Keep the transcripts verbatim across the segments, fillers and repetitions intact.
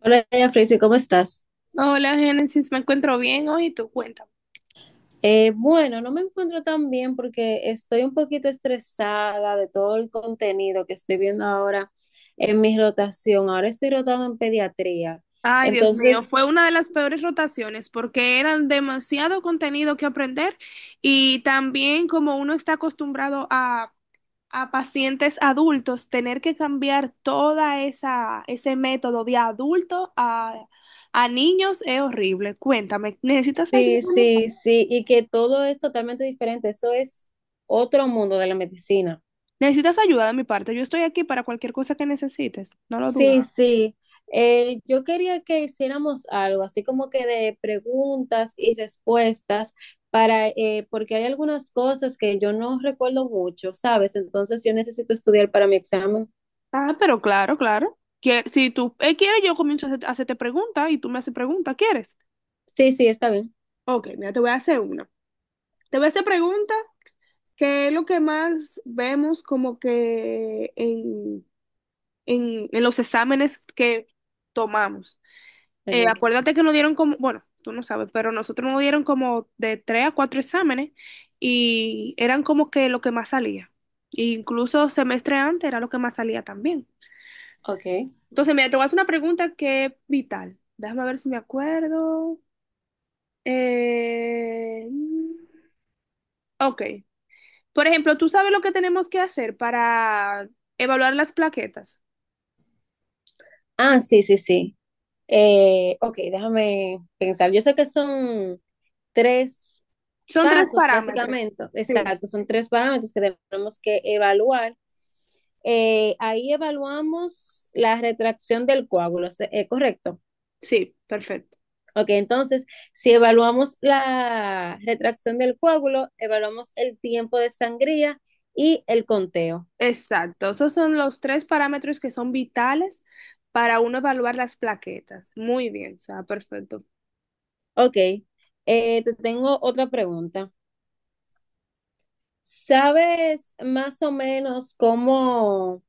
Hola, doña Frisi, ¿cómo estás? Hola, Génesis, me encuentro bien hoy y tú cuéntame. Eh, bueno, no me encuentro tan bien porque estoy un poquito estresada de todo el contenido que estoy viendo ahora en mi rotación. Ahora estoy rotando en pediatría. Ay, Dios mío, Entonces, fue una de las peores rotaciones porque eran demasiado contenido que aprender y también como uno está acostumbrado a, a pacientes adultos, tener que cambiar toda esa ese método de adulto a, a niños es horrible. Cuéntame, ¿necesitas ayuda sí, de mi parte? sí, sí, y que todo es totalmente diferente. Eso es otro mundo de la medicina. ¿Necesitas ayuda de mi parte? Yo estoy aquí para cualquier cosa que necesites, no lo dudes. Sí, sí. Eh, yo quería que hiciéramos algo, así como que de preguntas y respuestas para, eh, porque hay algunas cosas que yo no recuerdo mucho, ¿sabes? Entonces yo necesito estudiar para mi examen. Ah, pero claro, claro. Que, si tú eh, quieres, yo comienzo a hacer- a hacerte preguntas y tú me haces preguntas, ¿quieres? Sí, sí, está bien. Ok, mira, te voy a hacer una. Te voy a hacer pregunta, que es lo que más vemos como que en, en, en los exámenes que tomamos. Eh, Ok. Acuérdate que nos dieron como, bueno, tú no sabes, pero nosotros nos dieron como de tres a cuatro exámenes y eran como que lo que más salía. E incluso semestre antes era lo que más salía también. Okay. Entonces, mira, te voy a hacer una pregunta que es vital. Déjame ver si me acuerdo. Eh, ok. Por ejemplo, ¿tú sabes lo que tenemos que hacer para evaluar las plaquetas? Ah, sí, sí, sí. Eh, ok, déjame pensar. Yo sé que son tres Son tres pasos, parámetros. básicamente, Sí. exacto, son tres parámetros que tenemos que evaluar. Eh, ahí evaluamos la retracción del coágulo, eh, ¿correcto? Sí, perfecto. Ok, entonces, si evaluamos la retracción del coágulo, evaluamos el tiempo de sangría y el conteo. Exacto. Esos son los tres parámetros que son vitales para uno evaluar las plaquetas. Muy bien, o sea, perfecto. Ok, eh, te tengo otra pregunta. ¿Sabes más o menos cómo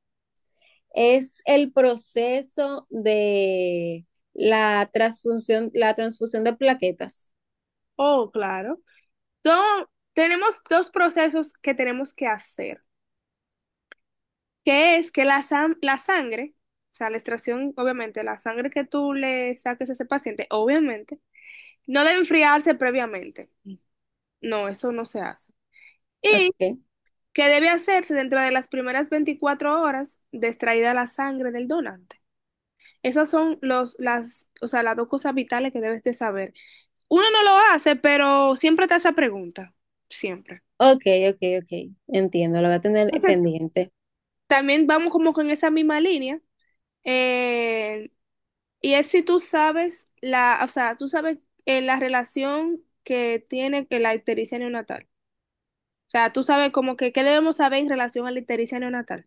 es el proceso de la transfusión, la transfusión de plaquetas? Oh, claro. Entonces, tenemos dos procesos que tenemos que hacer. Que es que la, sam- la sangre, o sea, la extracción, obviamente, la sangre que tú le saques a ese paciente, obviamente, no debe enfriarse previamente. No, eso no se hace. Y Ok, que debe hacerse dentro de las primeras veinticuatro horas de extraída la sangre del donante. Esas son los, las, o sea, las dos cosas vitales que debes de saber. Uno no lo hace, pero siempre te hace esa pregunta, siempre. ok, ok, ok. Entiendo, lo voy a tener Entonces, pendiente. también vamos como con esa misma línea. eh, Y es si tú sabes la, o sea, tú sabes eh, la relación que tiene que la ictericia neonatal. O sea, tú sabes como que qué debemos saber en relación a la ictericia neonatal.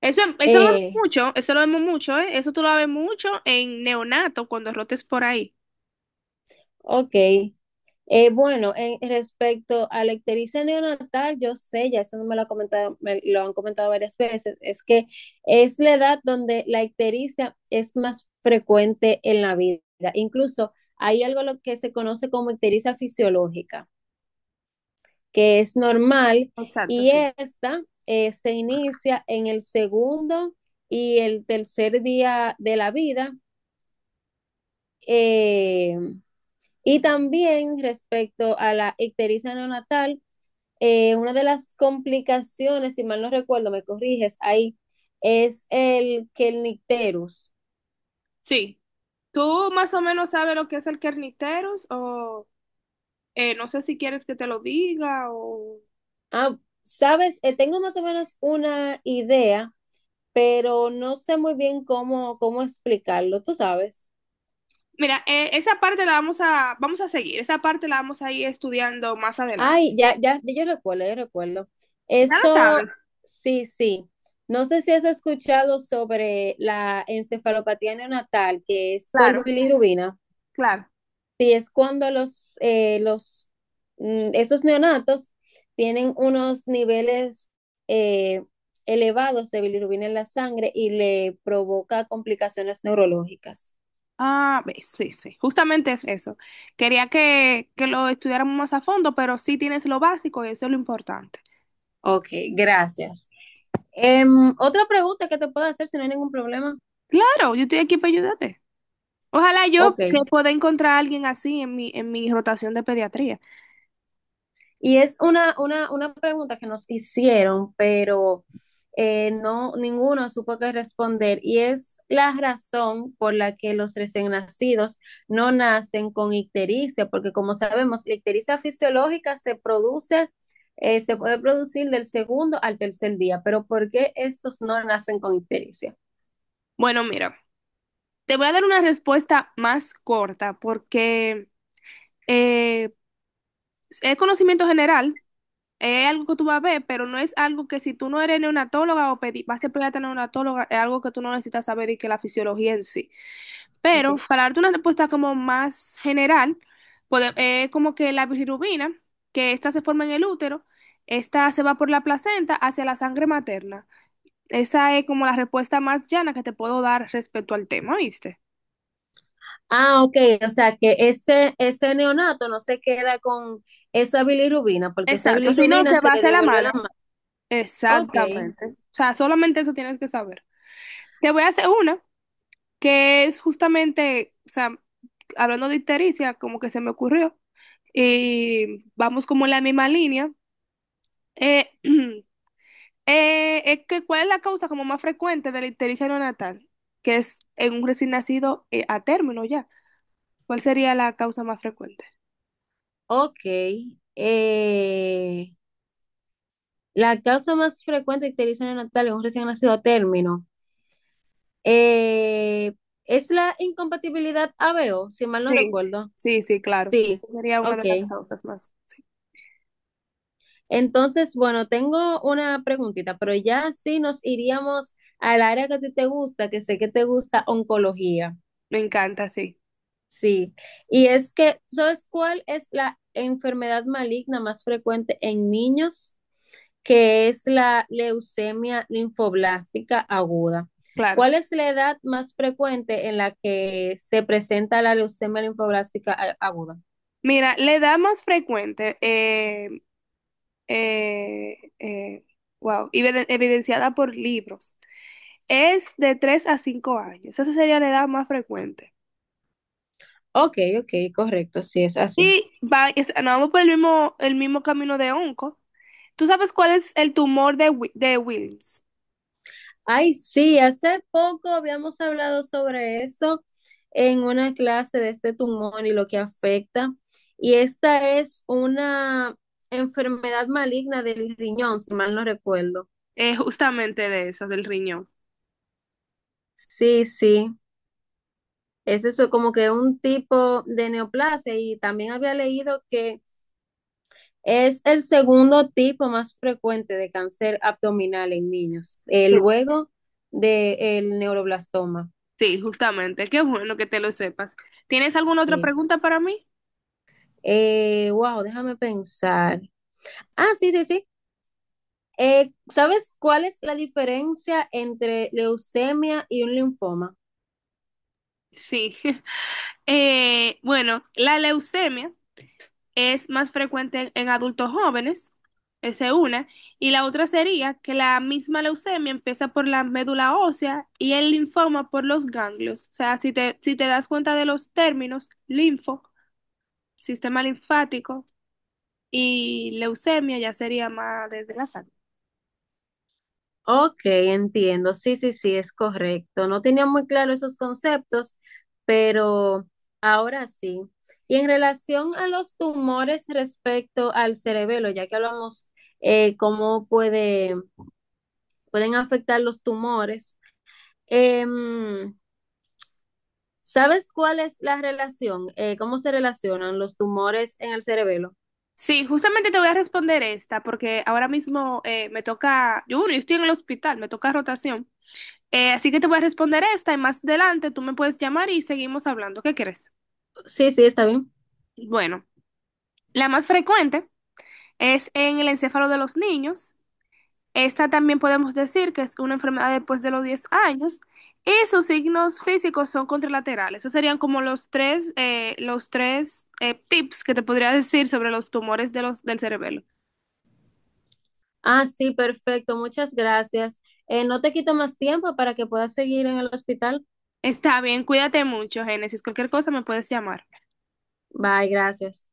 Eso, eso lo vemos Eh, mucho, eso lo vemos mucho, ¿eh? Eso tú lo ves mucho en neonato cuando rotes por ahí. ok. Eh, bueno, en respecto a la ictericia neonatal, yo sé, ya eso no me lo, ha comentado, me lo han comentado varias veces, es que es la edad donde la ictericia es más frecuente en la vida. Incluso hay algo lo que se conoce como ictericia fisiológica, que es normal, Exacto, y sí. esta eh, se inicia en el segundo y el tercer día de la vida. eh, y también respecto a la ictericia neonatal, eh, una de las complicaciones, si mal no recuerdo, me corriges ahí, es el que el nicterus. Sí. ¿Tú más o menos sabes lo que es el Kernicterus? O eh, no sé si quieres que te lo diga o. Ah, sabes, Eh, tengo más o menos una idea, pero no sé muy bien cómo, cómo explicarlo, tú sabes. Mira, eh, esa parte la vamos a, vamos a seguir, esa parte la vamos a ir estudiando más adelante. Ay, ya, ya, yo recuerdo, yo recuerdo. Ya lo Eso, sabes. sí, sí. No sé si has escuchado sobre la encefalopatía neonatal, que es por Claro, bilirrubina. claro. Sí, es cuando los, eh, los, mm, esos neonatos tienen unos niveles eh, elevados de bilirrubina en la sangre y le provoca complicaciones neurológicas. Ah, ve, sí, sí, justamente es eso. Quería que, que lo estudiáramos más a fondo, pero sí tienes lo básico y eso es lo importante. Ok, gracias. Em, otra pregunta que te puedo hacer si no hay ningún problema. Claro, yo estoy aquí para ayudarte. Ojalá yo Ok. que pueda encontrar a alguien así en mi, en mi rotación de pediatría. Y es una, una, una pregunta que nos hicieron, pero eh, no, ninguno supo qué responder. Y es la razón por la que los recién nacidos no nacen con ictericia, porque como sabemos, la ictericia fisiológica se produce, eh, se puede producir del segundo al tercer día, pero ¿por qué estos no nacen con ictericia? Bueno, mira, te voy a dar una respuesta más corta porque eh, es conocimiento general, es algo que tú vas a ver, pero no es algo que si tú no eres neonatóloga o pedi vas a ser pediatra neonatóloga, es algo que tú no necesitas saber y que la fisiología en sí. Pero Okay. para darte una respuesta como más general, pode- eh, como que la bilirrubina, que esta se forma en el útero, esta se va por la placenta hacia la sangre materna. Esa es como la respuesta más llana que te puedo dar respecto al tema, ¿viste? Ah, ok, o sea que ese, ese neonato no se queda con esa bilirrubina, porque esa Exacto, sino bilirrubina que se va le hacia la devuelve a madre. la madre. Ok. Exactamente. O sea, solamente eso tienes que saber. Te voy a hacer una que es justamente, o sea, hablando de ictericia, como que se me ocurrió, y vamos como en la misma línea. Eh, Eh, es que, ¿cuál es la causa como más frecuente de la ictericia neonatal? Que es en un recién nacido eh, a término ya. ¿Cuál sería la causa más frecuente? Ok. eh, la causa más frecuente de ictericia neonatal en un recién nacido a término eh, es la incompatibilidad A B O, si mal no Sí, recuerdo. sí, sí, claro. Sí, Esa sería una ok. de las causas más. Entonces, bueno, tengo una preguntita, pero ya sí nos iríamos al área que a ti te gusta, que sé que te gusta oncología. Me encanta, sí, Sí. Y es que, ¿sabes cuál es la enfermedad maligna más frecuente en niños? Que es la leucemia linfoblástica aguda. claro. ¿Cuál es la edad más frecuente en la que se presenta la leucemia linfoblástica a- aguda? Mira, la edad más frecuente, eh, eh, eh, wow, y vede- evidenciada por libros, es de tres a cinco años. Esa sería la edad más frecuente. Ok, ok, correcto, sí es así. Y va, es- no, vamos por el mismo, el mismo, camino de onco. ¿Tú sabes cuál es el tumor de, Wi- de Wilms? Ay, sí, hace poco habíamos hablado sobre eso en una clase de este tumor y lo que afecta. Y esta es una enfermedad maligna del riñón, si mal no recuerdo. Eh, justamente de esas, del riñón. Sí, sí. Es eso, como que un tipo de neoplasia y también había leído que es el segundo tipo más frecuente de cáncer abdominal en niños, eh, Sí. luego del neuroblastoma. Sí, justamente. Qué bueno que te lo sepas. ¿Tienes alguna otra Sí. pregunta para mí? Eh, wow, Déjame pensar. Ah, sí, sí, sí. Eh, ¿sabes cuál es la diferencia entre leucemia y un linfoma? Sí. Eh, bueno, la leucemia. Es más frecuente en, en adultos jóvenes, esa es una, y la otra sería que la misma leucemia empieza por la médula ósea y el linfoma por los ganglios. O sea, si te, si te das cuenta de los términos, linfo, sistema linfático y leucemia ya sería más desde la sangre. Ok, entiendo. Sí, sí, sí, es correcto. No tenía muy claro esos conceptos, pero ahora sí. Y en relación a los tumores respecto al cerebelo, ya que hablamos eh, cómo puede, pueden afectar los tumores, em, ¿sabes cuál es la relación? Eh, ¿cómo se relacionan los tumores en el cerebelo? Sí, justamente te voy a responder esta, porque ahora mismo eh, me toca, yo, bueno, yo estoy en el hospital, me toca rotación. Eh, así que te voy a responder esta y más adelante tú me puedes llamar y seguimos hablando. ¿Qué crees? Sí, sí, está bien. Bueno. La más frecuente es en el encéfalo de los niños. Esta también podemos decir que es una enfermedad después de los diez años y sus signos físicos son contralaterales. Esos serían como los tres, eh, los tres eh, tips que te podría decir sobre los tumores de los, del cerebelo. Ah, sí, perfecto. Muchas gracias. Eh, no te quito más tiempo para que puedas seguir en el hospital. Está bien, cuídate mucho, Génesis. Cualquier cosa me puedes llamar. Bye, gracias.